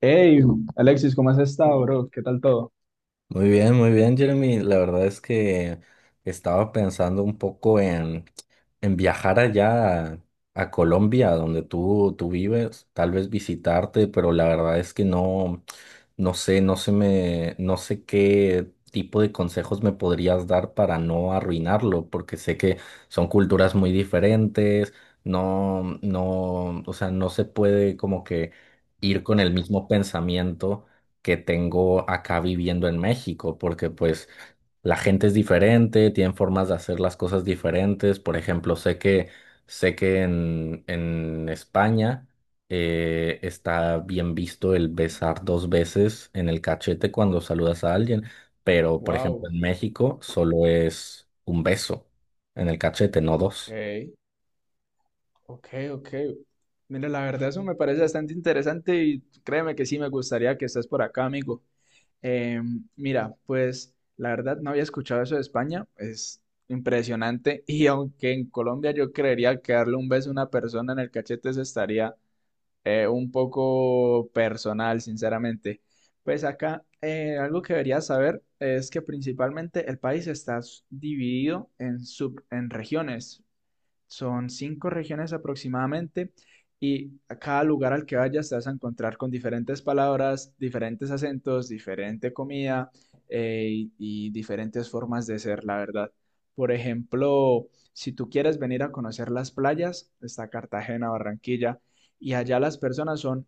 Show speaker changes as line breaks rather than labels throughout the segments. Hey, Alexis, ¿cómo has estado, bro? ¿Qué tal todo?
Muy bien, Jeremy. La verdad es que estaba pensando un poco en viajar allá a Colombia, donde tú vives, tal vez visitarte, pero la verdad es que no, no sé, no sé qué tipo de consejos me podrías dar para no arruinarlo, porque sé que son culturas muy diferentes, no, no, o sea, no se puede como que ir con el mismo pensamiento que tengo acá viviendo en México, porque pues la gente es diferente, tienen formas de hacer las cosas diferentes. Por ejemplo, sé que en España está bien visto el besar dos veces en el cachete cuando saludas a alguien, pero por ejemplo
Wow,
en México solo es un beso en el cachete, no dos.
ok, ok, ok. Mira, la verdad eso me parece bastante interesante y créeme que sí me gustaría que estés por acá, amigo. Eh, mira, pues la verdad no había escuchado eso de España, es impresionante y aunque en Colombia yo creería que darle un beso a una persona en el cachete se estaría un poco personal, sinceramente. Pues acá algo que deberías saber es que principalmente el país está dividido en en regiones. Son cinco regiones aproximadamente y a cada lugar al que vayas te vas a encontrar con diferentes palabras, diferentes acentos, diferente comida, y diferentes formas de ser, la verdad. Por ejemplo, si tú quieres venir a conocer las playas, está Cartagena, Barranquilla, y allá las personas son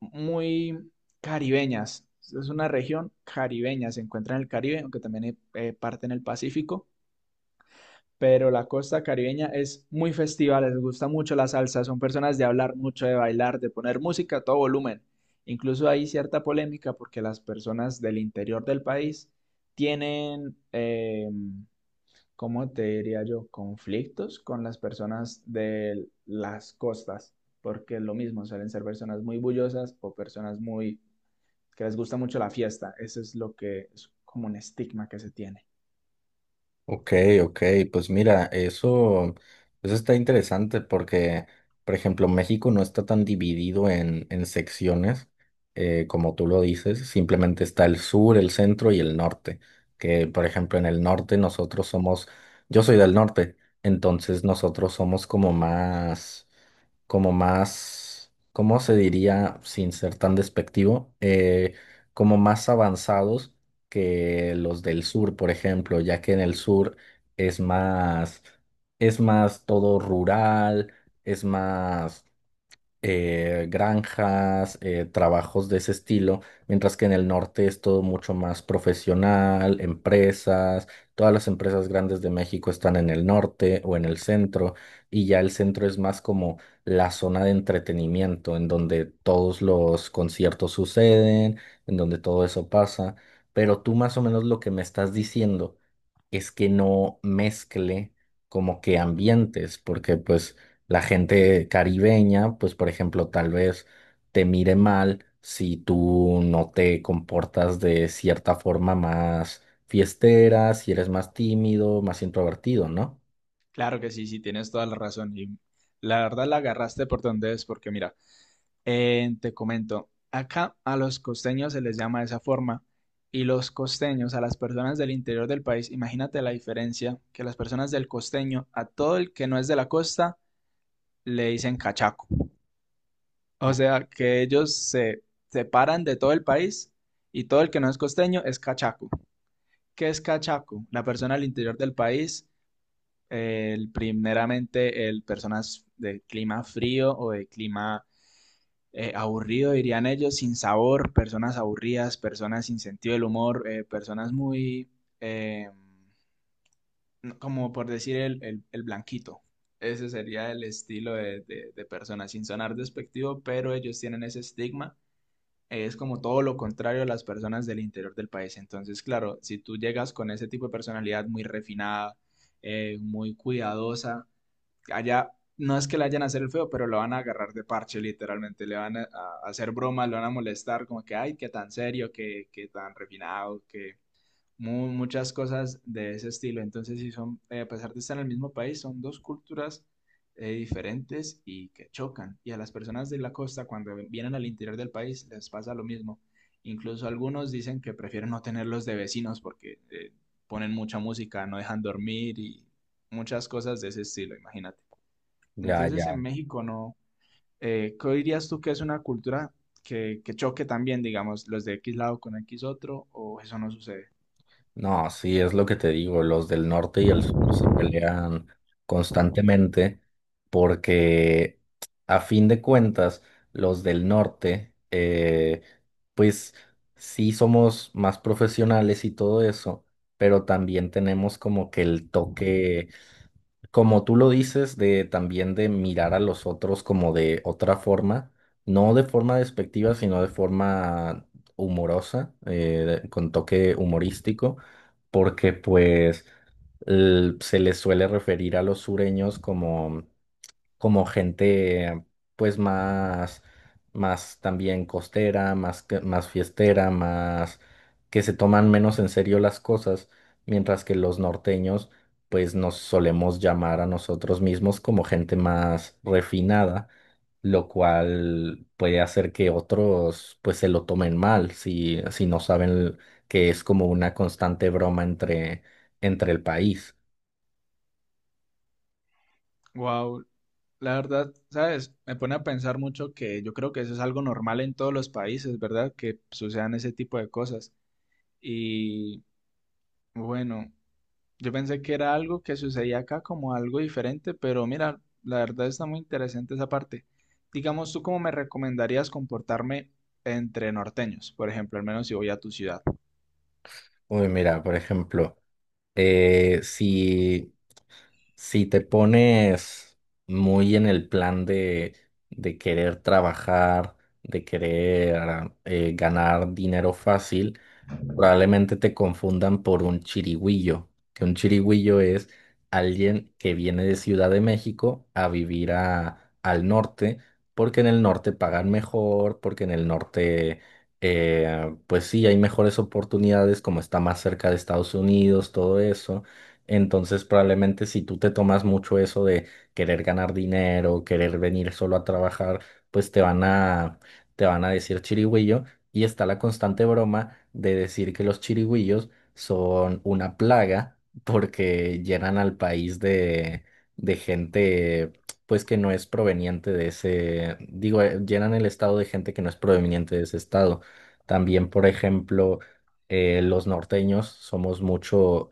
muy caribeñas. Es una región caribeña, se encuentra en el Caribe, aunque también hay parte en el Pacífico, pero la costa caribeña es muy festiva, les gusta mucho la salsa, son personas de hablar mucho, de bailar, de poner música a todo volumen. Incluso hay cierta polémica porque las personas del interior del país tienen, ¿cómo te diría yo?, conflictos con las personas de las costas, porque es lo mismo, suelen ser personas muy bullosas o personas muy que les gusta mucho la fiesta. Eso es lo que es como un estigma que se tiene.
Ok, ok, pues mira, eso está interesante porque, por ejemplo, México no está tan dividido en secciones, como tú lo dices, simplemente está el sur, el centro y el norte, que por ejemplo en el norte nosotros somos, yo soy del norte, entonces nosotros somos como más, ¿cómo se diría sin ser tan despectivo? Como más avanzados que los del sur, por ejemplo, ya que en el sur es más, es más todo rural, es más granjas, trabajos de ese estilo, mientras que en el norte es todo mucho más profesional, empresas, todas las empresas grandes de México están en el norte o en el centro, y ya el centro es más como la zona de entretenimiento, en donde todos los conciertos suceden, en donde todo eso pasa, pero tú más o menos lo que me estás diciendo es que no mezcle como que ambientes, porque pues... La gente caribeña, pues por ejemplo, tal vez te mire mal si tú no te comportas de cierta forma más fiestera, si eres más tímido, más introvertido, ¿no?
Claro que sí, sí, tienes toda la razón. Y la verdad la agarraste por donde es, porque mira, te comento, acá a los costeños se les llama de esa forma, y los costeños, a las personas del interior del país, imagínate la diferencia, que las personas del costeño, a todo el que no es de la costa, le dicen cachaco. O
O-
sea, que ellos se separan de todo el país, y todo el que no es costeño es cachaco. ¿Qué es cachaco? La persona al interior del país, el, primeramente el personas de clima frío o de clima aburrido, dirían ellos, sin sabor, personas aburridas, personas sin sentido del humor, personas muy, eh, no, como por decir, el blanquito. Ese sería el estilo de, de, personas, sin sonar despectivo, pero ellos tienen ese estigma, es como todo lo contrario a las personas del interior del país. Entonces, claro, si tú llegas con ese tipo de personalidad muy refinada, muy cuidadosa, allá no es que le hayan a hacer el feo, pero lo van a agarrar de parche, literalmente. Le van a hacer bromas, lo van a molestar, como que, ay, qué tan serio, qué tan refinado, que muchas cosas de ese estilo. Entonces, sí son, a pesar de estar en el mismo país, son dos culturas diferentes y que chocan. Y a las personas de la costa, cuando vienen al interior del país, les pasa lo mismo. Incluso algunos dicen que prefieren no tenerlos de vecinos porque ponen mucha música, no dejan dormir y muchas cosas de ese estilo, imagínate.
Ya, ya.
Entonces en México no. ¿Qué dirías tú que es una cultura que, choque también, digamos, los de X lado con X otro, o eso no sucede?
No, sí, es lo que te digo, los del norte y el sur se pelean constantemente porque a fin de cuentas los del norte, pues sí somos más profesionales y todo eso, pero también tenemos como que el toque como tú lo dices, de también de mirar a los otros como de otra forma, no de forma despectiva, sino de forma humorosa, con toque humorístico, porque pues se les suele referir a los sureños como gente pues más, más también costera, más fiestera, más que se toman menos en serio las cosas, mientras que los norteños pues nos solemos llamar a nosotros mismos como gente más refinada, lo cual puede hacer que otros pues se lo tomen mal si no saben que es como una constante broma entre el país.
Wow, la verdad, ¿sabes? Me pone a pensar mucho que yo creo que eso es algo normal en todos los países, ¿verdad? Que sucedan ese tipo de cosas. Y bueno. Yo pensé que era algo que sucedía acá como algo diferente, pero mira, la verdad está muy interesante esa parte. Digamos, ¿tú cómo me recomendarías comportarme entre norteños, por ejemplo, al menos si voy a tu ciudad?
Uy, mira, por ejemplo, eh, si Si te pones muy en el plan de querer trabajar, de querer ganar dinero fácil, probablemente te confundan por un chirigüillo, que un chirigüillo es alguien que viene de Ciudad de México a vivir al norte, porque en el norte pagan mejor, porque en el norte, pues sí, hay mejores oportunidades, como está más cerca de Estados Unidos, todo eso. Entonces, probablemente si tú te tomas mucho eso de querer ganar dinero, querer venir solo a trabajar, pues te van a decir chirigüillo. Y está la constante broma de decir que los chirigüillos son una plaga porque llenan al país de gente, pues que no es proveniente de ese, digo, llenan el estado de gente que no es proveniente de ese estado. También, por ejemplo, los norteños somos mucho.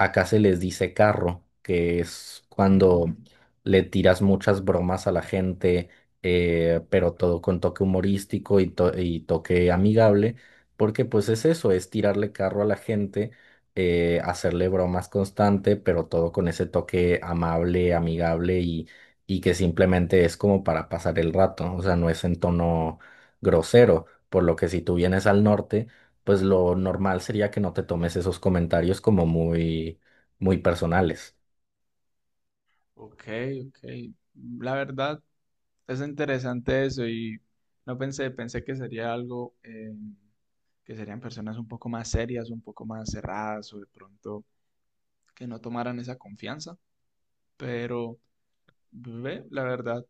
Acá se les dice carro, que es cuando
Mm,
le tiras muchas bromas a la gente, pero todo con toque humorístico y, y toque amigable, porque pues es eso, es tirarle carro a la gente, hacerle bromas constante, pero todo con ese toque amable, amigable y que simplemente es como para pasar el rato, o sea, no es en tono grosero, por lo que si tú vienes al norte pues lo normal sería que no te tomes esos comentarios como muy, muy personales.
ok, ok. La verdad es interesante eso, y no pensé, pensé que sería algo, que serían personas un poco más serias, un poco más cerradas o de pronto que no tomaran esa confianza, pero ve, la verdad.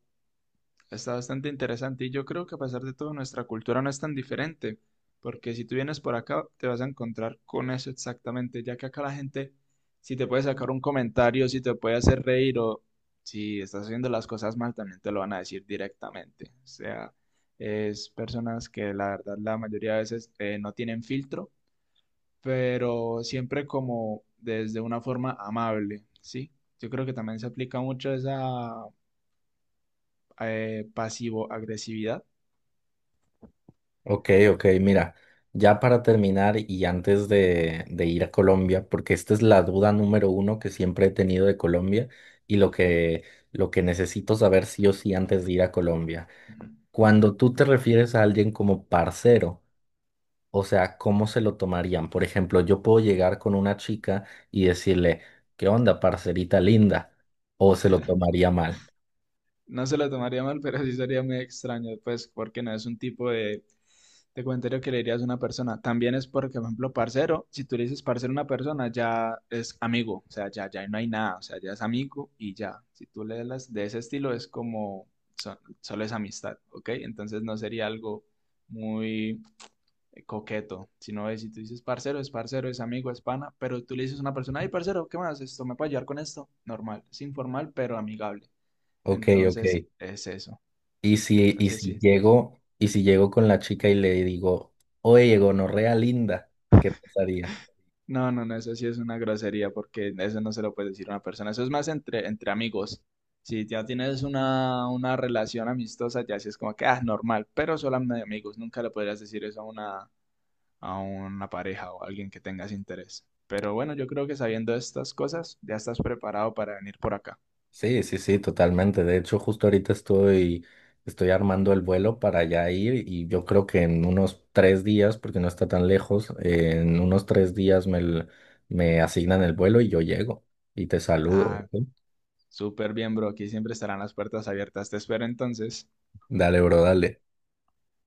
Está bastante interesante y yo creo que a pesar de todo nuestra cultura no es tan diferente, porque si tú vienes por acá te vas a encontrar con eso exactamente, ya que acá la gente si te puede sacar un comentario, si te puede hacer reír o si estás haciendo las cosas mal también te lo van a decir directamente. O sea, es personas que la verdad la mayoría de veces no tienen filtro, pero siempre como desde una forma amable, ¿sí? Yo creo que también se aplica mucho esa, pasivo-agresividad.
Ok, ok, mira, ya para terminar y antes de ir a Colombia, porque esta es la duda número uno que siempre he tenido de Colombia y lo que necesito saber sí o sí antes de ir a Colombia. Cuando tú te refieres a alguien como parcero, o sea, ¿cómo se lo tomarían? Por ejemplo, yo puedo llegar con una chica y decirle, ¿qué onda, parcerita linda? ¿O se lo tomaría mal?
No se lo tomaría mal, pero sí sería muy extraño, pues, porque no es un tipo de, comentario que le dirías a una persona. También es porque, por ejemplo, parcero, si tú le dices parcero a una persona, ya es amigo, o sea, ya no hay nada, o sea, ya es amigo y ya. Si tú le das de ese estilo, es como, solo es amistad, ¿ok? Entonces no sería algo muy, coqueto, sino si tú dices parcero, es amigo, es pana, pero tú le dices a una persona, ay, parcero, ¿qué más? Esto me puede ayudar con esto. Normal, es informal, pero amigable.
Ok, ok.
Entonces, es eso. Entonces, sí.
Y si llego con la chica y le digo, oye, gonorrea linda, ¿qué pasaría?
No, no, no, eso sí es una grosería, porque eso no se lo puede decir a una persona. Eso es más entre, amigos. Si ya tienes una, relación amistosa, ya sí es como que, ah, normal, pero solo de amigos. Nunca le podrías decir eso a una, pareja o a alguien que tengas interés. Pero bueno, yo creo que sabiendo estas cosas, ya estás preparado para venir por acá.
Sí, sí, sí, totalmente. De hecho, justo ahorita estoy, estoy armando el vuelo para allá ir y yo creo que en unos 3 días, porque no está tan lejos, en unos 3 días me asignan el vuelo y yo llego y te saludo.
Ah,
¿Ok?
súper bien, bro. Aquí siempre estarán las puertas abiertas. Te espero entonces.
Dale, bro, dale.